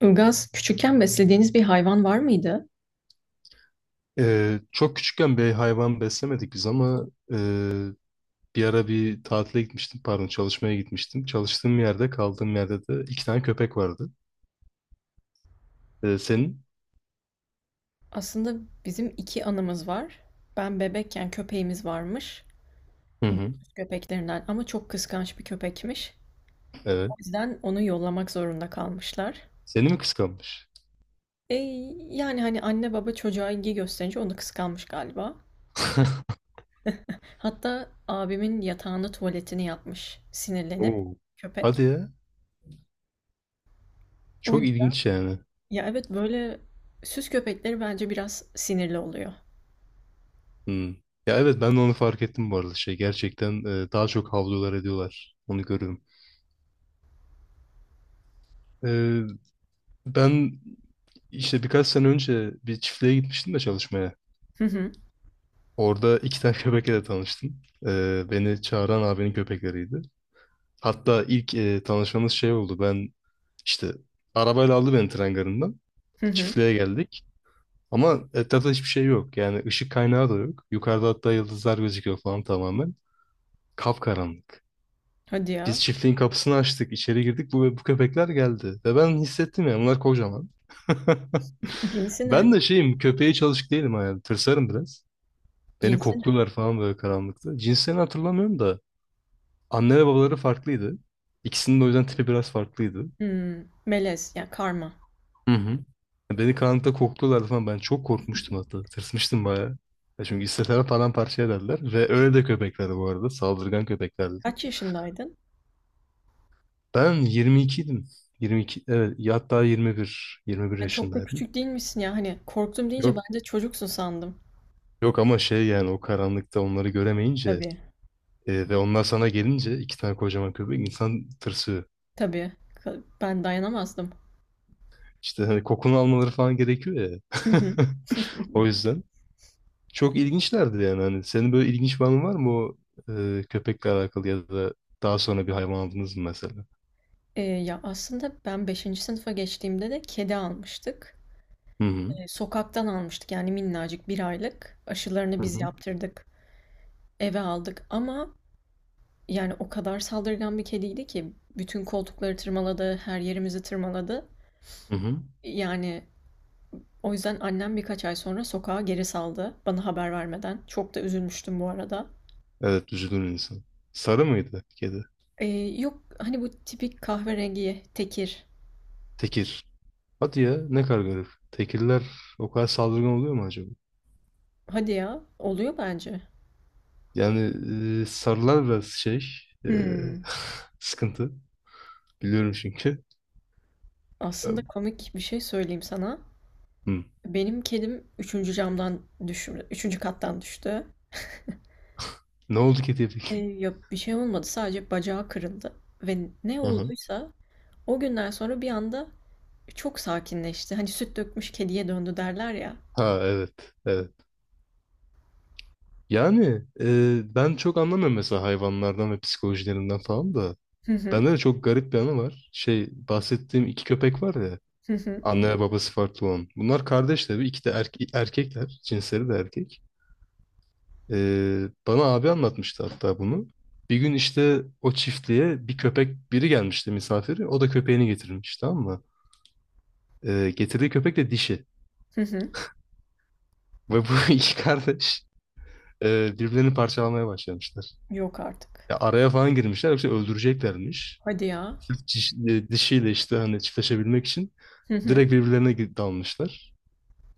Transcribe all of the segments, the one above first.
Ilgaz, küçükken beslediğiniz bir hayvan var mıydı? Çok küçükken bir hayvan beslemedik biz ama e, bir ara bir tatile gitmiştim, pardon çalışmaya gitmiştim. Çalıştığım yerde, kaldığım yerde de iki tane köpek vardı. Senin? Aslında bizim iki anımız var. Ben bebekken köpeğimiz varmış. Hı hı. Süs köpeklerinden ama çok kıskanç bir köpekmiş. O Evet. yüzden onu yollamak zorunda kalmışlar. Seni mi kıskanmış? E, Yani hani anne baba çocuğa ilgi gösterince onu kıskanmış galiba. Hatta abimin yatağında tuvaletini yapmış sinirlenip Oo. köpek. Hadi ya. O, Çok ilginç yani. ya evet böyle süs köpekleri bence biraz sinirli oluyor. Hmm. Ya evet, ben de onu fark ettim bu arada. Şey gerçekten daha çok havlular ediyorlar. Onu görüyorum. Ee, Ben işte birkaç sene önce bir çiftliğe gitmiştim de çalışmaya. Hı hı, Orada iki tane köpekle de tanıştım. Beni çağıran abinin köpekleriydi. Hatta ilk tanışmamız şey oldu. Ben işte arabayla aldı beni tren garından. hı hı. Çiftliğe geldik. Ama etrafta hiçbir şey yok. Yani ışık kaynağı da yok. Yukarıda hatta yıldızlar gözüküyor falan tamamen. Kapkaranlık. Hadi ya. Biz çiftliğin kapısını açtık, içeri girdik. Bu köpekler geldi. Ve ben hissettim ya, bunlar kocaman. Cinsi ne? Ben de şeyim, köpeğe çalışık değilim yani. Tırsarım biraz. Beni Cinsi. kokluyorlar falan böyle karanlıkta. Cinslerini hatırlamıyorum da. Anne ve babaları farklıydı. İkisinin de o yüzden tipi biraz farklıydı. Hımm, melez, ya, karma. Hı hı. Beni karanlıkta kokluyorlardı falan. Ben çok korkmuştum hatta. Tırsmıştım bayağı. Ya çünkü istesem paramparça ederler. Ve öyle de köpeklerdi bu arada. Saldırgan köpeklerdi. Kaç yaşındaydın? Ben 22'ydim. 22, evet. Ya hatta 21. 21 Ya, çok da yaşındaydım. küçük değilmişsin ya. Hani, korktum deyince Yok. bence çocuksun sandım. Yok ama şey, yani o karanlıkta onları göremeyince Tabii, ve onlar sana gelince iki tane kocaman köpek, insan tırsıyor. tabii. Ka ben dayanamazdım. İşte hani kokunu almaları falan gerekiyor ya. Hı hı. O yüzden. Çok ilginçlerdi yani. Hani senin böyle ilginç bir anın var mı o köpekle alakalı, ya da daha sonra bir hayvan aldınız mı mesela? Ya, aslında ben beşinci sınıfa geçtiğimde de kedi almıştık. Hı hı. Sokaktan almıştık, yani, minnacık bir aylık. Aşılarını Hı biz hı. yaptırdık, eve aldık ama, yani, o kadar saldırgan bir kediydi ki bütün koltukları tırmaladı, her yerimizi tırmaladı. Hı hı. Yani, o yüzden annem birkaç ay sonra sokağa geri saldı bana haber vermeden. Çok da üzülmüştüm bu arada. Evet, üzülür insan. Sarı mıydı kedi? Ee, yok hani bu tipik kahverengi tekir. Tekir. Hadi ya, ne kadar garip. Tekirler o kadar saldırgan oluyor mu acaba? Hadi ya, oluyor bence. Yani sarılar biraz şey, e, Hmm. sıkıntı. Biliyorum çünkü. E, Aslında komik bir şey söyleyeyim sana. Hı. Benim kedim üçüncü camdan düştü. Üçüncü kattan düştü. Ne oldu kediye peki? Ya bir şey olmadı, sadece bacağı kırıldı. Ve ne Hı hı. olduysa o günden sonra bir anda çok sakinleşti. Hani süt dökmüş kediye döndü derler ya. Ha evet. Evet. Yani ben çok anlamıyorum mesela hayvanlardan ve psikolojilerinden falan da. Hı hı, Bende de çok garip bir anı var. Şey, bahsettiğim iki köpek var ya. hı hı, Anne ve babası farklı olan. Bunlar kardeş tabii. İki de erkekler. Cinsleri de erkek. Bana abi anlatmıştı hatta bunu. Bir gün işte o çiftliğe bir köpek, biri gelmişti misafiri. O da köpeğini getirmiş, tamam mı? Getirdiği köpek de dişi. hı hı. Ve bu iki kardeş birbirlerini parçalamaya başlamışlar. Yok artık. Ya araya falan girmişler, yoksa öldüreceklermiş. Hadi ya. Sırf dişiyle işte hani çiftleşebilmek için Hı hı. direkt birbirlerine dalmışlar.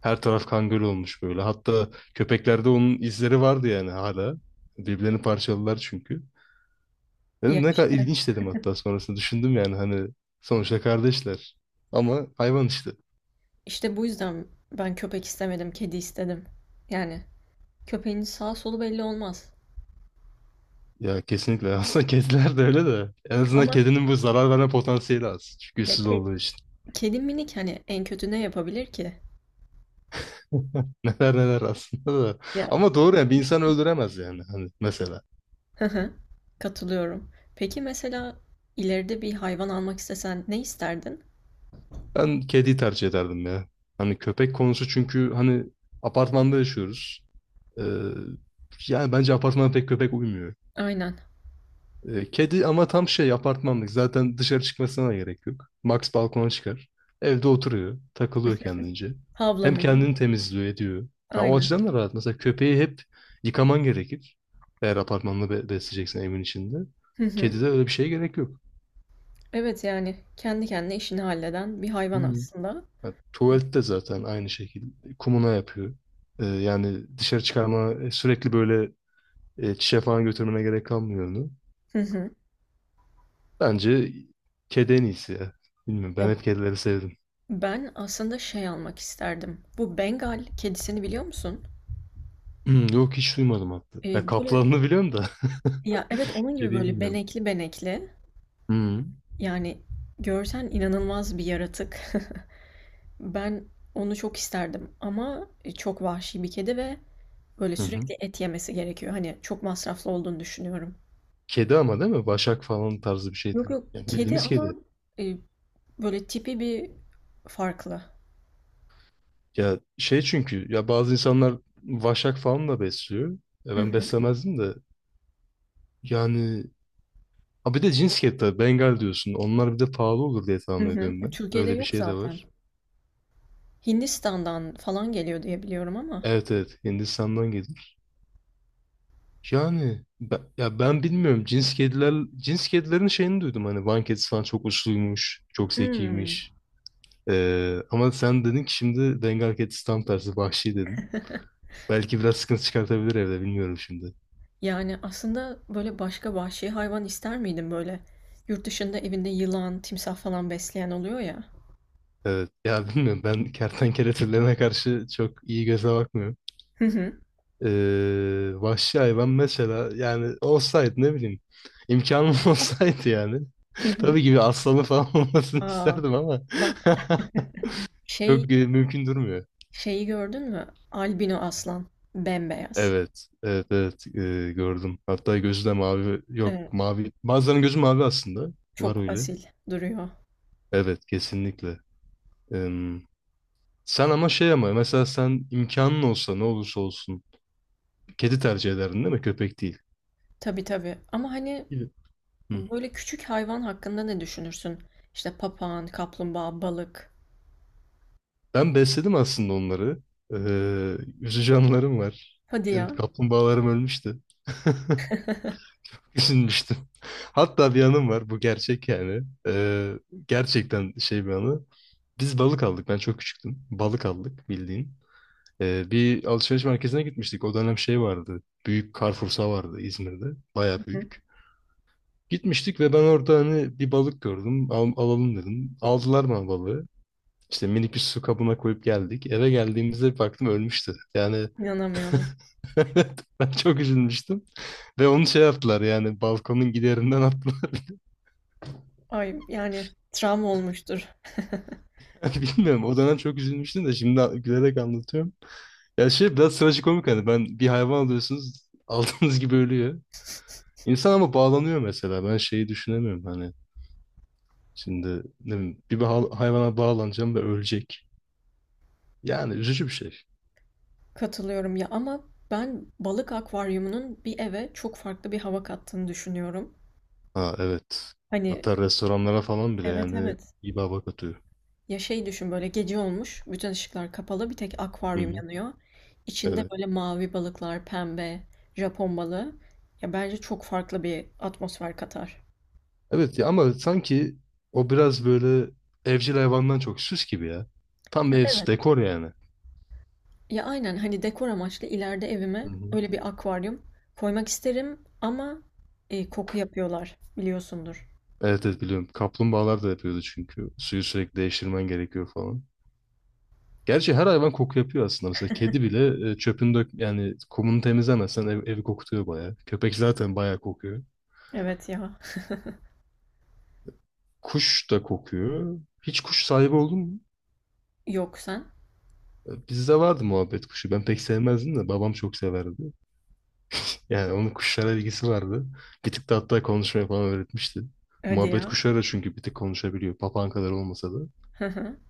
Her taraf kanguru olmuş böyle. Hatta köpeklerde onun izleri vardı yani hala. Birbirlerini parçaladılar çünkü. Ya Dedim ne kadar işte, ilginç, dedim hatta sonrasında düşündüm, yani hani sonuçta kardeşler. Ama hayvan işte. işte bu yüzden ben köpek istemedim, kedi istedim. Yani köpeğin sağ solu belli olmaz. Ya kesinlikle. Aslında kediler de öyle de. En azından Ama kedinin bu zarar verme potansiyeli az. Çünkü ya güçsüz ke- olduğu için. kedi minik, hani en kötü ne yapabilir ki? Neler neler aslında da. Ya. Ama doğru yani, bir insan öldüremez yani hani mesela. Hı hı. Katılıyorum. Peki mesela ileride bir hayvan almak istesen ne isterdin? Ben kediyi tercih ederdim ya. Hani köpek konusu, çünkü hani apartmanda yaşıyoruz. Ee, Yani bence apartmana pek köpek uymuyor. Aynen. Kedi ama tam şey, apartmanlık. Zaten dışarı çıkmasına da gerek yok. Max balkona çıkar. Evde oturuyor. Takılıyor kendince. Hem Havlamıyor mu? kendini temizliyor ediyor. Ha, o Aynen. açıdan da rahat. Mesela köpeği hep yıkaman gerekir. Eğer apartmanla besleyeceksen evin içinde. Hı hı. Kedide öyle bir şeye gerek yok. Evet, yani kendi kendine işini halleden bir hayvan Hmm. aslında. Ha, tuvalette zaten aynı şekilde. Kumuna yapıyor. Yani dışarı çıkarma, sürekli böyle çişe falan götürmene gerek kalmıyor onu. Hı hı. Bence kedi en iyisi ya. Bilmiyorum, Ya ben hep kedileri sevdim. ben aslında şey almak isterdim. Bu Bengal kedisini biliyor musun? Hmm, yok, hiç duymadım hatta. Ya böyle, kaplanını biliyorum da ya evet, onun gibi kediyi böyle bilmiyorum. benekli benekli. Hı. Yani görsen inanılmaz bir yaratık. Ben onu çok isterdim ama çok vahşi bir kedi ve böyle Hı hı. sürekli et yemesi gerekiyor. Hani çok masraflı olduğunu düşünüyorum. Kedi ama değil mi? Başak falan tarzı bir şey Yok değil. yok, Yani kedi bildiğimiz ama kedi. e, böyle tipi bir farklı. Ya şey, çünkü ya bazı insanlar vaşak falan da besliyor. Ya Hı ben hı, beslemezdim de yani. Ha, bir de cins kedi tabii, Bengal diyorsun. Onlar bir de pahalı olur diye hı tahmin hı. ediyorum ben. Türkiye'de Öyle bir yok şey de zaten. var. Hindistan'dan falan geliyor diye biliyorum ama. Evet, evet, Hindistan'dan geliyor. Yani ben, ya ben bilmiyorum, cins kedilerin şeyini duydum hani. Van kedisi falan çok uçluymuş, çok Hmm. zekiymiş. Ama sen dedin ki şimdi, Bengal kedisi tam tersi vahşi dedin, belki biraz sıkıntı çıkartabilir evde, bilmiyorum şimdi. Yani, aslında, böyle, başka vahşi hayvan ister miydin, böyle? Yurt dışında evinde yılan, timsah falan besleyen oluyor ya. Evet ya, bilmiyorum, ben kertenkele türlerine karşı çok iyi göze bakmıyorum. Hı hı. Vahşi hayvan mesela, yani olsaydı ne bileyim, imkanım olsaydı yani Hı hı. tabii ki bir aslanı falan olmasını A! isterdim ama Bak, şey çok mümkün durmuyor. şeyi gördün mü? Albino aslan. Bembeyaz. Evet, evet, evet, gördüm. Hatta gözü de mavi. Evet, Yok, mavi. Bazılarının gözü mavi aslında. Var çok öyle. asil duruyor. Evet, kesinlikle. Em, Sen ama şey, ama mesela sen imkanın olsa ne olursa olsun kedi tercih ederdin değil mi? Köpek değil. Tabii, tabii. Ama, hani, Evet. Hı. böyle, küçük hayvan hakkında ne düşünürsün? İşte, papağan, kaplumbağa, balık. Ben besledim aslında onları. Üzücü anılarım var. Hadi Benim ya. kaplumbağalarım ölmüştü. Düşünmüştüm. Hatta bir anım var. Bu gerçek yani. Gerçekten şey, bir anı. Biz balık aldık. Ben çok küçüktüm. Balık aldık bildiğin. Bir alışveriş merkezine gitmiştik. O dönem şey vardı, Büyük Carrefour'sa vardı İzmir'de. Baya Hı hı. büyük. Gitmiştik ve ben orada hani bir balık gördüm. Alalım dedim. Aldılar bana balığı. İşte minik bir su kabına koyup geldik. Eve geldiğimizde bir baktım, ölmüştü. Yani İnanamıyorum. ben çok üzülmüştüm. Ve onu şey yaptılar yani, balkonun giderinden attılar. Ay, yani, travma olmuştur. Bilmiyorum. O dönem çok üzülmüştüm de şimdi gülerek anlatıyorum. Ya şey, biraz trajikomik hani, ben bir hayvan alıyorsunuz aldığınız gibi ölüyor. İnsan ama bağlanıyor mesela. Ben şeyi düşünemiyorum hani. Şimdi ne bileyim, bir hayvana bağlanacağım ve ölecek. Yani üzücü bir şey. Katılıyorum ya, ama ben balık akvaryumunun bir eve çok farklı bir hava kattığını düşünüyorum. Ha evet. Hani Hatta restoranlara falan bile evet, yani evet. iyi baba atıyor. Ya şey düşün, böyle gece olmuş, bütün ışıklar kapalı, bir tek Hı akvaryum hı. yanıyor. İçinde Evet. böyle mavi balıklar, pembe, Japon balığı. Ya bence çok farklı bir atmosfer katar. Evet ya, ama sanki o biraz böyle evcil hayvandan çok süs gibi ya. Tam bir Ya ev süs evet. dekor yani. Ya aynen, hani dekor amaçlı ileride Hı evime hı. öyle bir akvaryum koymak isterim ama koku yapıyorlar biliyorsundur. Evet, evet, biliyorum. Kaplumbağalar da yapıyordu çünkü. Suyu sürekli değiştirmen gerekiyor falan. Gerçi her hayvan koku yapıyor aslında. Mesela kedi bile, çöpünü dök yani, kumunu temizlemezsen evi kokutuyor bayağı. Köpek zaten bayağı kokuyor. Evet ya. Kuş da kokuyor. Hiç kuş sahibi oldun mu? Yok sen. Bizde vardı muhabbet kuşu. Ben pek sevmezdim de babam çok severdi. Yani onun kuşlara ilgisi vardı. Bir tık da hatta konuşmayı falan öğretmişti. Hadi Muhabbet ya. kuşları da çünkü bir tık konuşabiliyor. Papağan kadar olmasa da.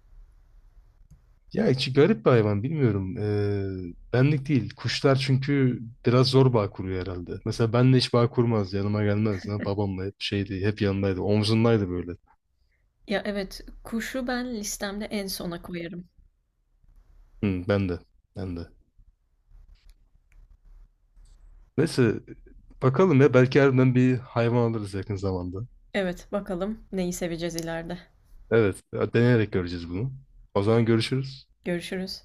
Ya içi garip bir hayvan bilmiyorum. Benlik değil. Kuşlar çünkü biraz zor bağ kuruyor herhalde. Mesela benle hiç bağ kurmaz. Yanıma gelmez. Ha, babamla hep şeydi. Hep yanındaydı. Omzundaydı böyle. Ya, evet, kuşu ben listemde en sona koyarım. Hı, ben de. Ben de. Neyse, bakalım ya. Belki harbiden bir hayvan alırız yakın zamanda. Evet, bakalım neyi seveceğiz ileride. Evet. Deneyerek göreceğiz bunu. O zaman görüşürüz. Görüşürüz.